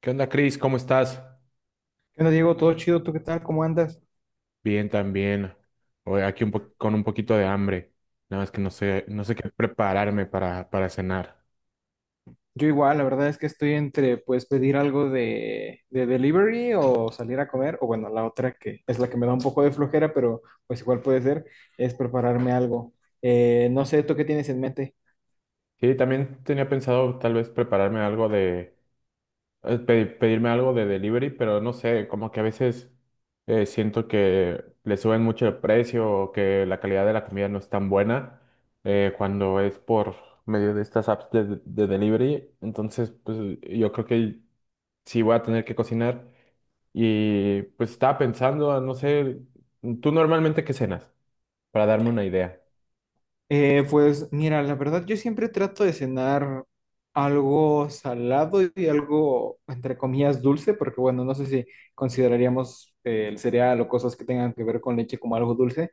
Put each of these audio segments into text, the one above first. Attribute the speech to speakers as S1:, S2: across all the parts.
S1: ¿Qué onda, Cris? ¿Cómo estás?
S2: ¿Qué onda, Diego? ¿Todo chido? ¿Tú qué tal? ¿Cómo andas?
S1: Bien, también. Hoy aquí un con un poquito de hambre. Nada más que no sé qué prepararme para cenar.
S2: Yo igual, la verdad es que estoy entre, pues, pedir algo de delivery o salir a comer, o bueno, la otra que es la que me da un poco de flojera, pero pues igual puede ser, es prepararme algo. No sé, ¿tú qué tienes en mente?
S1: Sí, también tenía pensado tal vez prepararme algo de, pedirme algo de delivery, pero no sé, como que a veces siento que le suben mucho el precio o que la calidad de la comida no es tan buena, cuando es por medio de estas apps de delivery. Entonces, pues yo creo que sí voy a tener que cocinar. Y pues estaba pensando, no sé, ¿tú normalmente qué cenas? Para darme una idea.
S2: Pues mira, la verdad yo siempre trato de cenar algo salado y algo, entre comillas, dulce, porque bueno, no sé si consideraríamos el cereal o cosas que tengan que ver con leche como algo dulce.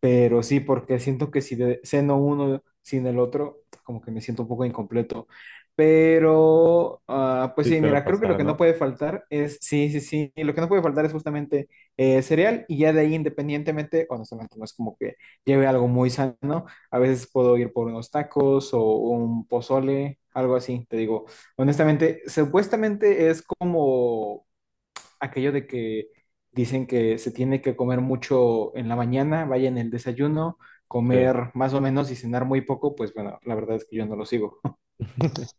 S2: Pero sí, porque siento que si ceno uno sin el otro, como que me siento un poco incompleto. Pero, pues
S1: Sí,
S2: sí,
S1: suele
S2: mira, creo que lo
S1: pasar,
S2: que no
S1: ¿no?
S2: puede faltar es, sí, sí, sí, lo que no puede faltar es justamente cereal y ya de ahí independientemente, honestamente, no es como que lleve algo muy sano. A veces puedo ir por unos tacos o un pozole, algo así, te digo. Honestamente, supuestamente es como aquello de que dicen que se tiene que comer mucho en la mañana, vaya en el desayuno,
S1: Sí.
S2: comer más o menos y cenar muy poco, pues bueno, la verdad es que yo no lo sigo.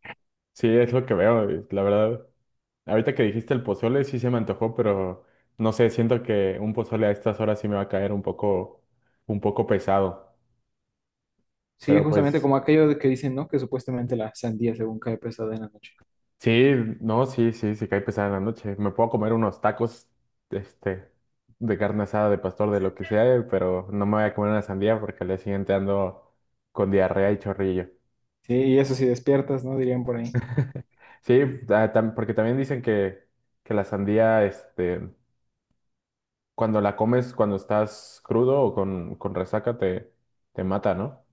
S1: Sí, es lo que veo, y la verdad. Ahorita que dijiste el pozole, sí se me antojó, pero no sé, siento que un pozole a estas horas sí me va a caer un poco pesado.
S2: Sí,
S1: Pero
S2: justamente
S1: pues,
S2: como aquello de que dicen, ¿no? Que supuestamente la sandía según cae pesada en la noche.
S1: sí, no, sí, sí, sí cae pesada en la noche. Me puedo comer unos tacos, este, de carne asada, de pastor, de lo que sea, pero no me voy a comer una sandía porque al día siguiente ando con diarrea y chorrillo.
S2: Sí, y eso sí despiertas, ¿no? Dirían por ahí.
S1: Sí, porque también dicen que la sandía, cuando la comes, cuando estás crudo o con resaca, te mata, ¿no?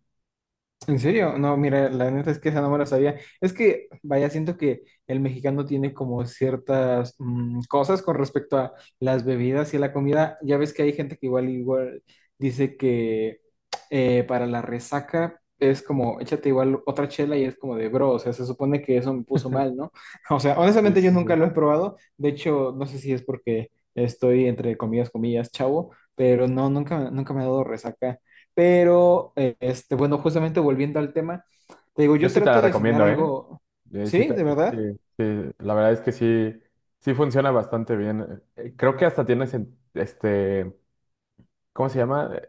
S2: ¿En serio? No, mira, la neta es que esa no me la sabía. Es que, vaya, siento que el mexicano tiene como ciertas cosas con respecto a las bebidas y a la comida. Ya ves que hay gente que igual, igual dice que para la resaca es como, échate igual otra chela y es como de bro, o sea, se supone que eso me puso mal, ¿no? O sea,
S1: Sí,
S2: honestamente yo
S1: sí,
S2: nunca
S1: sí.
S2: lo he probado. De hecho, no sé si es porque estoy entre comillas, comillas, chavo, pero no, nunca, nunca me ha dado resaca. Pero, bueno, justamente volviendo al tema, te digo,
S1: Yo
S2: yo
S1: sí te la
S2: trato de cenar
S1: recomiendo, ¿eh?
S2: algo,
S1: Eh, sí,
S2: ¿sí?
S1: ta-
S2: ¿De verdad?
S1: sí, sí, la verdad es que sí, sí funciona bastante bien. Creo que hasta tiene, ¿cómo se llama?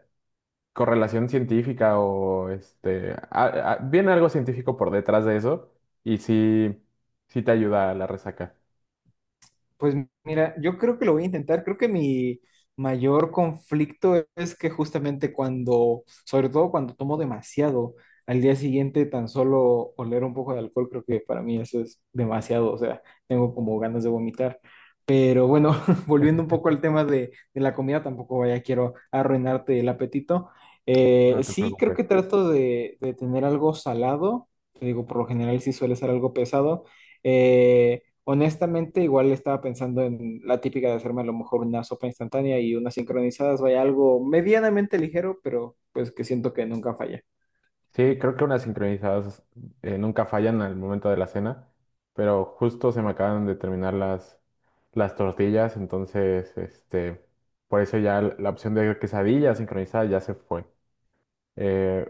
S1: Correlación científica o viene algo científico por detrás de eso y sí, sí te ayuda a la resaca.
S2: Pues mira, yo creo que lo voy a intentar. Creo que mi mayor conflicto es que justamente cuando, sobre todo cuando tomo demasiado, al día siguiente tan solo oler un poco de alcohol, creo que para mí eso es demasiado, o sea, tengo como ganas de vomitar. Pero bueno, volviendo un poco al tema de la comida, tampoco vaya, quiero arruinarte el apetito.
S1: No te
S2: Sí, creo
S1: preocupes.
S2: que trato de tener algo salado. Te digo, por lo general sí suele ser algo pesado. Honestamente, igual estaba pensando en la típica de hacerme a lo mejor una sopa instantánea y unas sincronizadas, vaya, algo medianamente ligero, pero pues que siento que nunca falla.
S1: Sí, creo que unas sincronizadas nunca fallan al momento de la cena, pero justo se me acaban de terminar las tortillas, entonces, por eso ya la opción de quesadilla sincronizada ya se fue. Eh,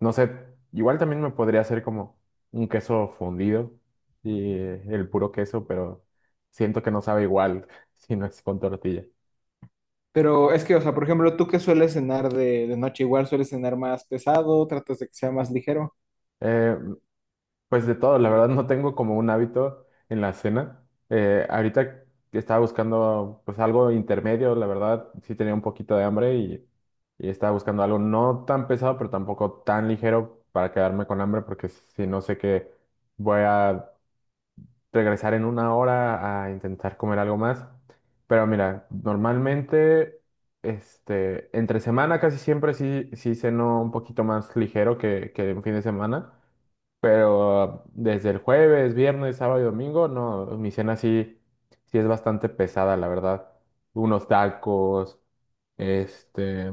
S1: no sé, igual también me podría hacer como un queso fundido y el puro queso, pero siento que no sabe igual si no es con tortilla.
S2: Pero es que, o sea, por ejemplo, ¿tú qué sueles cenar de noche? Igual sueles cenar más pesado, tratas de que sea más ligero.
S1: Eh, Pues de todo, la verdad no tengo como un hábito en la cena. Ahorita que estaba buscando pues algo intermedio, la verdad sí tenía un poquito de hambre y estaba buscando algo no tan pesado, pero tampoco tan ligero para quedarme con hambre, porque si no sé que voy a regresar en una hora a intentar comer algo más. Pero mira, normalmente entre semana casi siempre sí, sí ceno un poquito más ligero que en fin de semana. Pero desde el jueves, viernes, sábado y domingo, no, mi cena sí, sí es bastante pesada, la verdad. Unos tacos, este,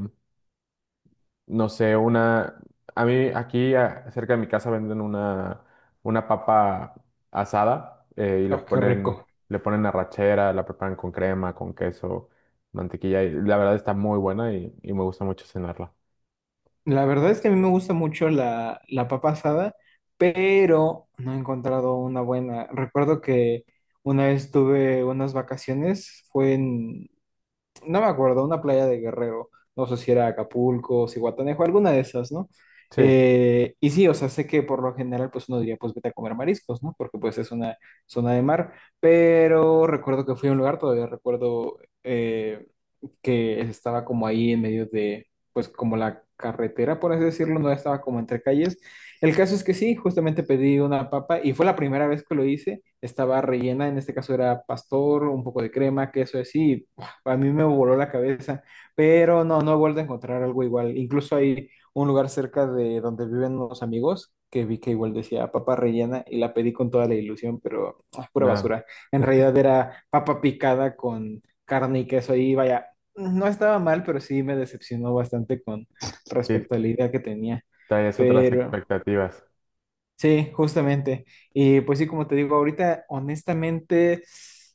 S1: no sé, una... A mí aquí cerca de mi casa venden una papa asada,
S2: Ah, qué rico.
S1: le ponen arrachera, la preparan con crema, con queso, mantequilla y la verdad está muy buena y me gusta mucho cenarla.
S2: La verdad es que a mí me gusta mucho la, la papa asada, pero no he encontrado una buena. Recuerdo que una vez tuve unas vacaciones, fue en, no me acuerdo, una playa de Guerrero, no sé si era Acapulco, Zihuatanejo, alguna de esas, ¿no?
S1: Sí,
S2: Y sí, o sea, sé que por lo general, pues uno diría, pues vete a comer mariscos, ¿no? Porque pues es una zona de mar, pero recuerdo que fui a un lugar, todavía recuerdo eh, que estaba como ahí en medio de, pues como la carretera, por así decirlo, no estaba como entre calles. El caso es que sí, justamente pedí una papa y fue la primera vez que lo hice. Estaba rellena, en este caso era pastor, un poco de crema, queso así. Y, ¡buah! A mí me voló la cabeza, pero no, no he vuelto a encontrar algo igual. Incluso hay un lugar cerca de donde viven unos amigos que vi que igual decía papa rellena y la pedí con toda la ilusión, pero ¡ah! Pura
S1: nada,
S2: basura. En realidad era papa picada con carne y queso y vaya, no estaba mal, pero sí me decepcionó bastante con
S1: sí,
S2: respecto a la idea que tenía.
S1: traes otras
S2: Pero
S1: expectativas.
S2: sí, justamente. Y pues sí, como te digo, ahorita honestamente,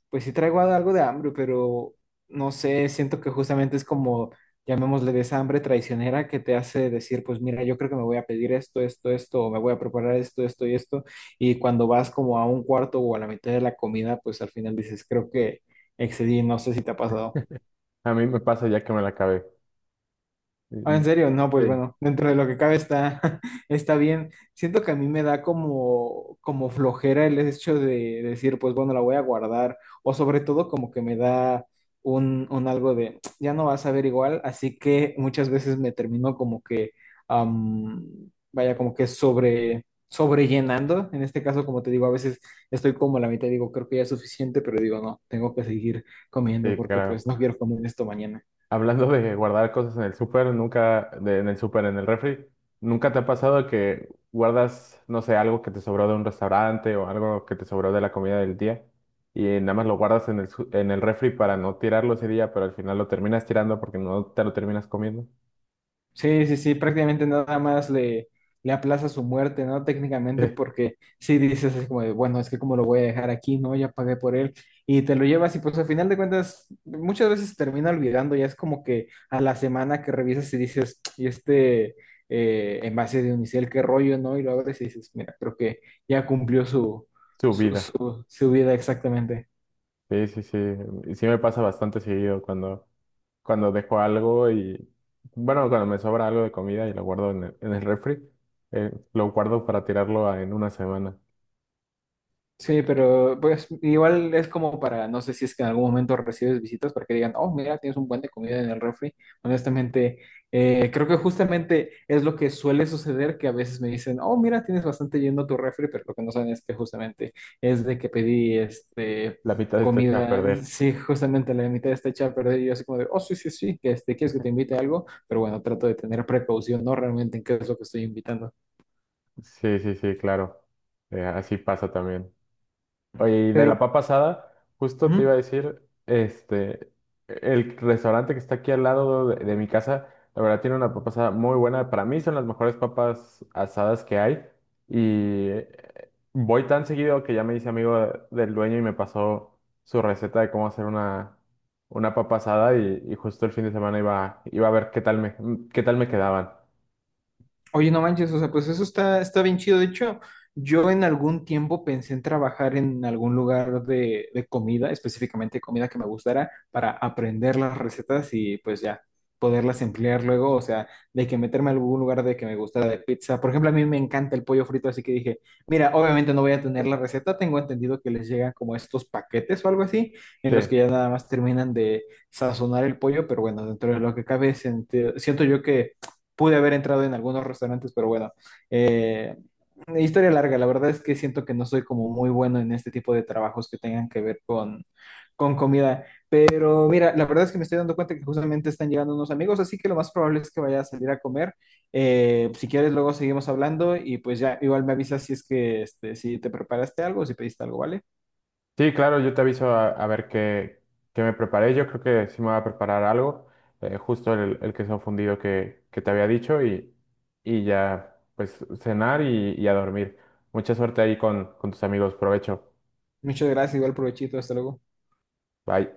S2: pues sí traigo algo de hambre, pero no sé, siento que justamente es como, llamémosle de esa hambre traicionera que te hace decir, pues mira, yo creo que me voy a pedir esto, esto, esto, o me voy a preparar esto, esto y esto. Y cuando vas como a un cuarto o a la mitad de la comida, pues al final dices, creo que excedí, no sé si te ha pasado.
S1: A mí me pasa ya que me la acabé.
S2: Ah,
S1: Mm,
S2: ¿en serio? No, pues
S1: sí,
S2: bueno, dentro de lo que cabe está, está bien. Siento que a mí me da como, como flojera el hecho de decir, pues bueno, la voy a guardar, o sobre todo como que me da un algo de, ya no vas a ver igual, así que muchas veces me termino como que, am, vaya, como que sobre, sobrellenando. En este caso, como te digo, a veces estoy como a la mitad, digo, creo que ya es suficiente, pero digo, no, tengo que seguir comiendo
S1: sí,
S2: porque
S1: claro.
S2: pues no quiero comer esto mañana.
S1: Hablando de guardar cosas en el súper, nunca, de- en el súper, en el refri, ¿nunca te ha pasado que guardas, no sé, algo que te sobró de un restaurante o algo que te sobró de la comida del día y nada más lo guardas en en el refri para no tirarlo ese día, pero al final lo terminas tirando porque no te lo terminas comiendo?
S2: Sí, sí, sí, prácticamente nada más le, le aplaza su muerte, ¿no? Técnicamente, porque sí dices así como de, bueno, es que como lo voy a dejar aquí, ¿no? Ya pagué por él y te lo llevas y pues al final de cuentas muchas veces termina olvidando, ya es como que a la semana que revisas y dices, y este envase de unicel, qué rollo, ¿no? Y lo abres y dices, mira, creo que ya cumplió su,
S1: Su vida.
S2: su vida exactamente.
S1: Sí, sí, sí. Sí me pasa bastante seguido cuando dejo algo y, bueno, cuando me sobra algo de comida y lo guardo en en el refri, lo guardo para tirarlo en una semana.
S2: Sí, pero pues igual es como para, no sé si es que en algún momento recibes visitas para que digan, oh, mira, tienes un buen de comida en el refri. Honestamente, creo que justamente es lo que suele suceder, que a veces me dicen, oh, mira, tienes bastante yendo tu refri, pero lo que no saben es que justamente es de que pedí este
S1: La mitad está hecha a
S2: comida,
S1: perder.
S2: sí, justamente la mitad está hecha a perder y yo así como de, oh, sí, sí, sí, que este, quieres que te invite a algo, pero bueno, trato de tener precaución, ¿no? Realmente en qué es lo que estoy invitando.
S1: Sí, sí, sí, claro. Así pasa también. Oye, y de la
S2: Pero...
S1: papa asada, justo te
S2: ujú.
S1: iba a decir, el restaurante que está aquí al lado de mi casa, la verdad tiene una papa asada muy buena. Para mí son las mejores papas asadas que hay. Y voy tan seguido que ya me hice amigo del dueño y me pasó su receta de cómo hacer una papa asada. Y justo el fin de semana iba a ver qué tal me quedaban.
S2: Oye, no manches, o sea, pues eso está, está bien chido. De hecho, yo en algún tiempo pensé en trabajar en algún lugar de comida, específicamente comida que me gustara, para aprender las recetas y pues ya poderlas emplear luego. O sea, de que meterme a algún lugar de que me gustara de pizza. Por ejemplo, a mí me encanta el pollo frito, así que dije, mira, obviamente no voy a tener la receta. Tengo entendido que les llegan como estos paquetes o algo así, en
S1: Sí.
S2: los que ya nada más terminan de sazonar el pollo, pero bueno, dentro de lo que cabe, siento yo que pude haber entrado en algunos restaurantes, pero bueno, eh, historia larga, la verdad es que siento que no soy como muy bueno en este tipo de trabajos que tengan que ver con comida, pero mira, la verdad es que me estoy dando cuenta que justamente están llegando unos amigos, así que lo más probable es que vaya a salir a comer. Si quieres, luego seguimos hablando y pues ya igual me avisas si es que este, si te preparaste algo, si pediste algo, ¿vale?
S1: Sí, claro, yo te aviso a ver qué me preparé. Yo creo que sí me voy a preparar algo, justo el queso fundido que te había dicho y ya pues cenar y a dormir. Mucha suerte ahí con tus amigos, provecho.
S2: Muchas gracias, igual provechito, hasta luego.
S1: Bye.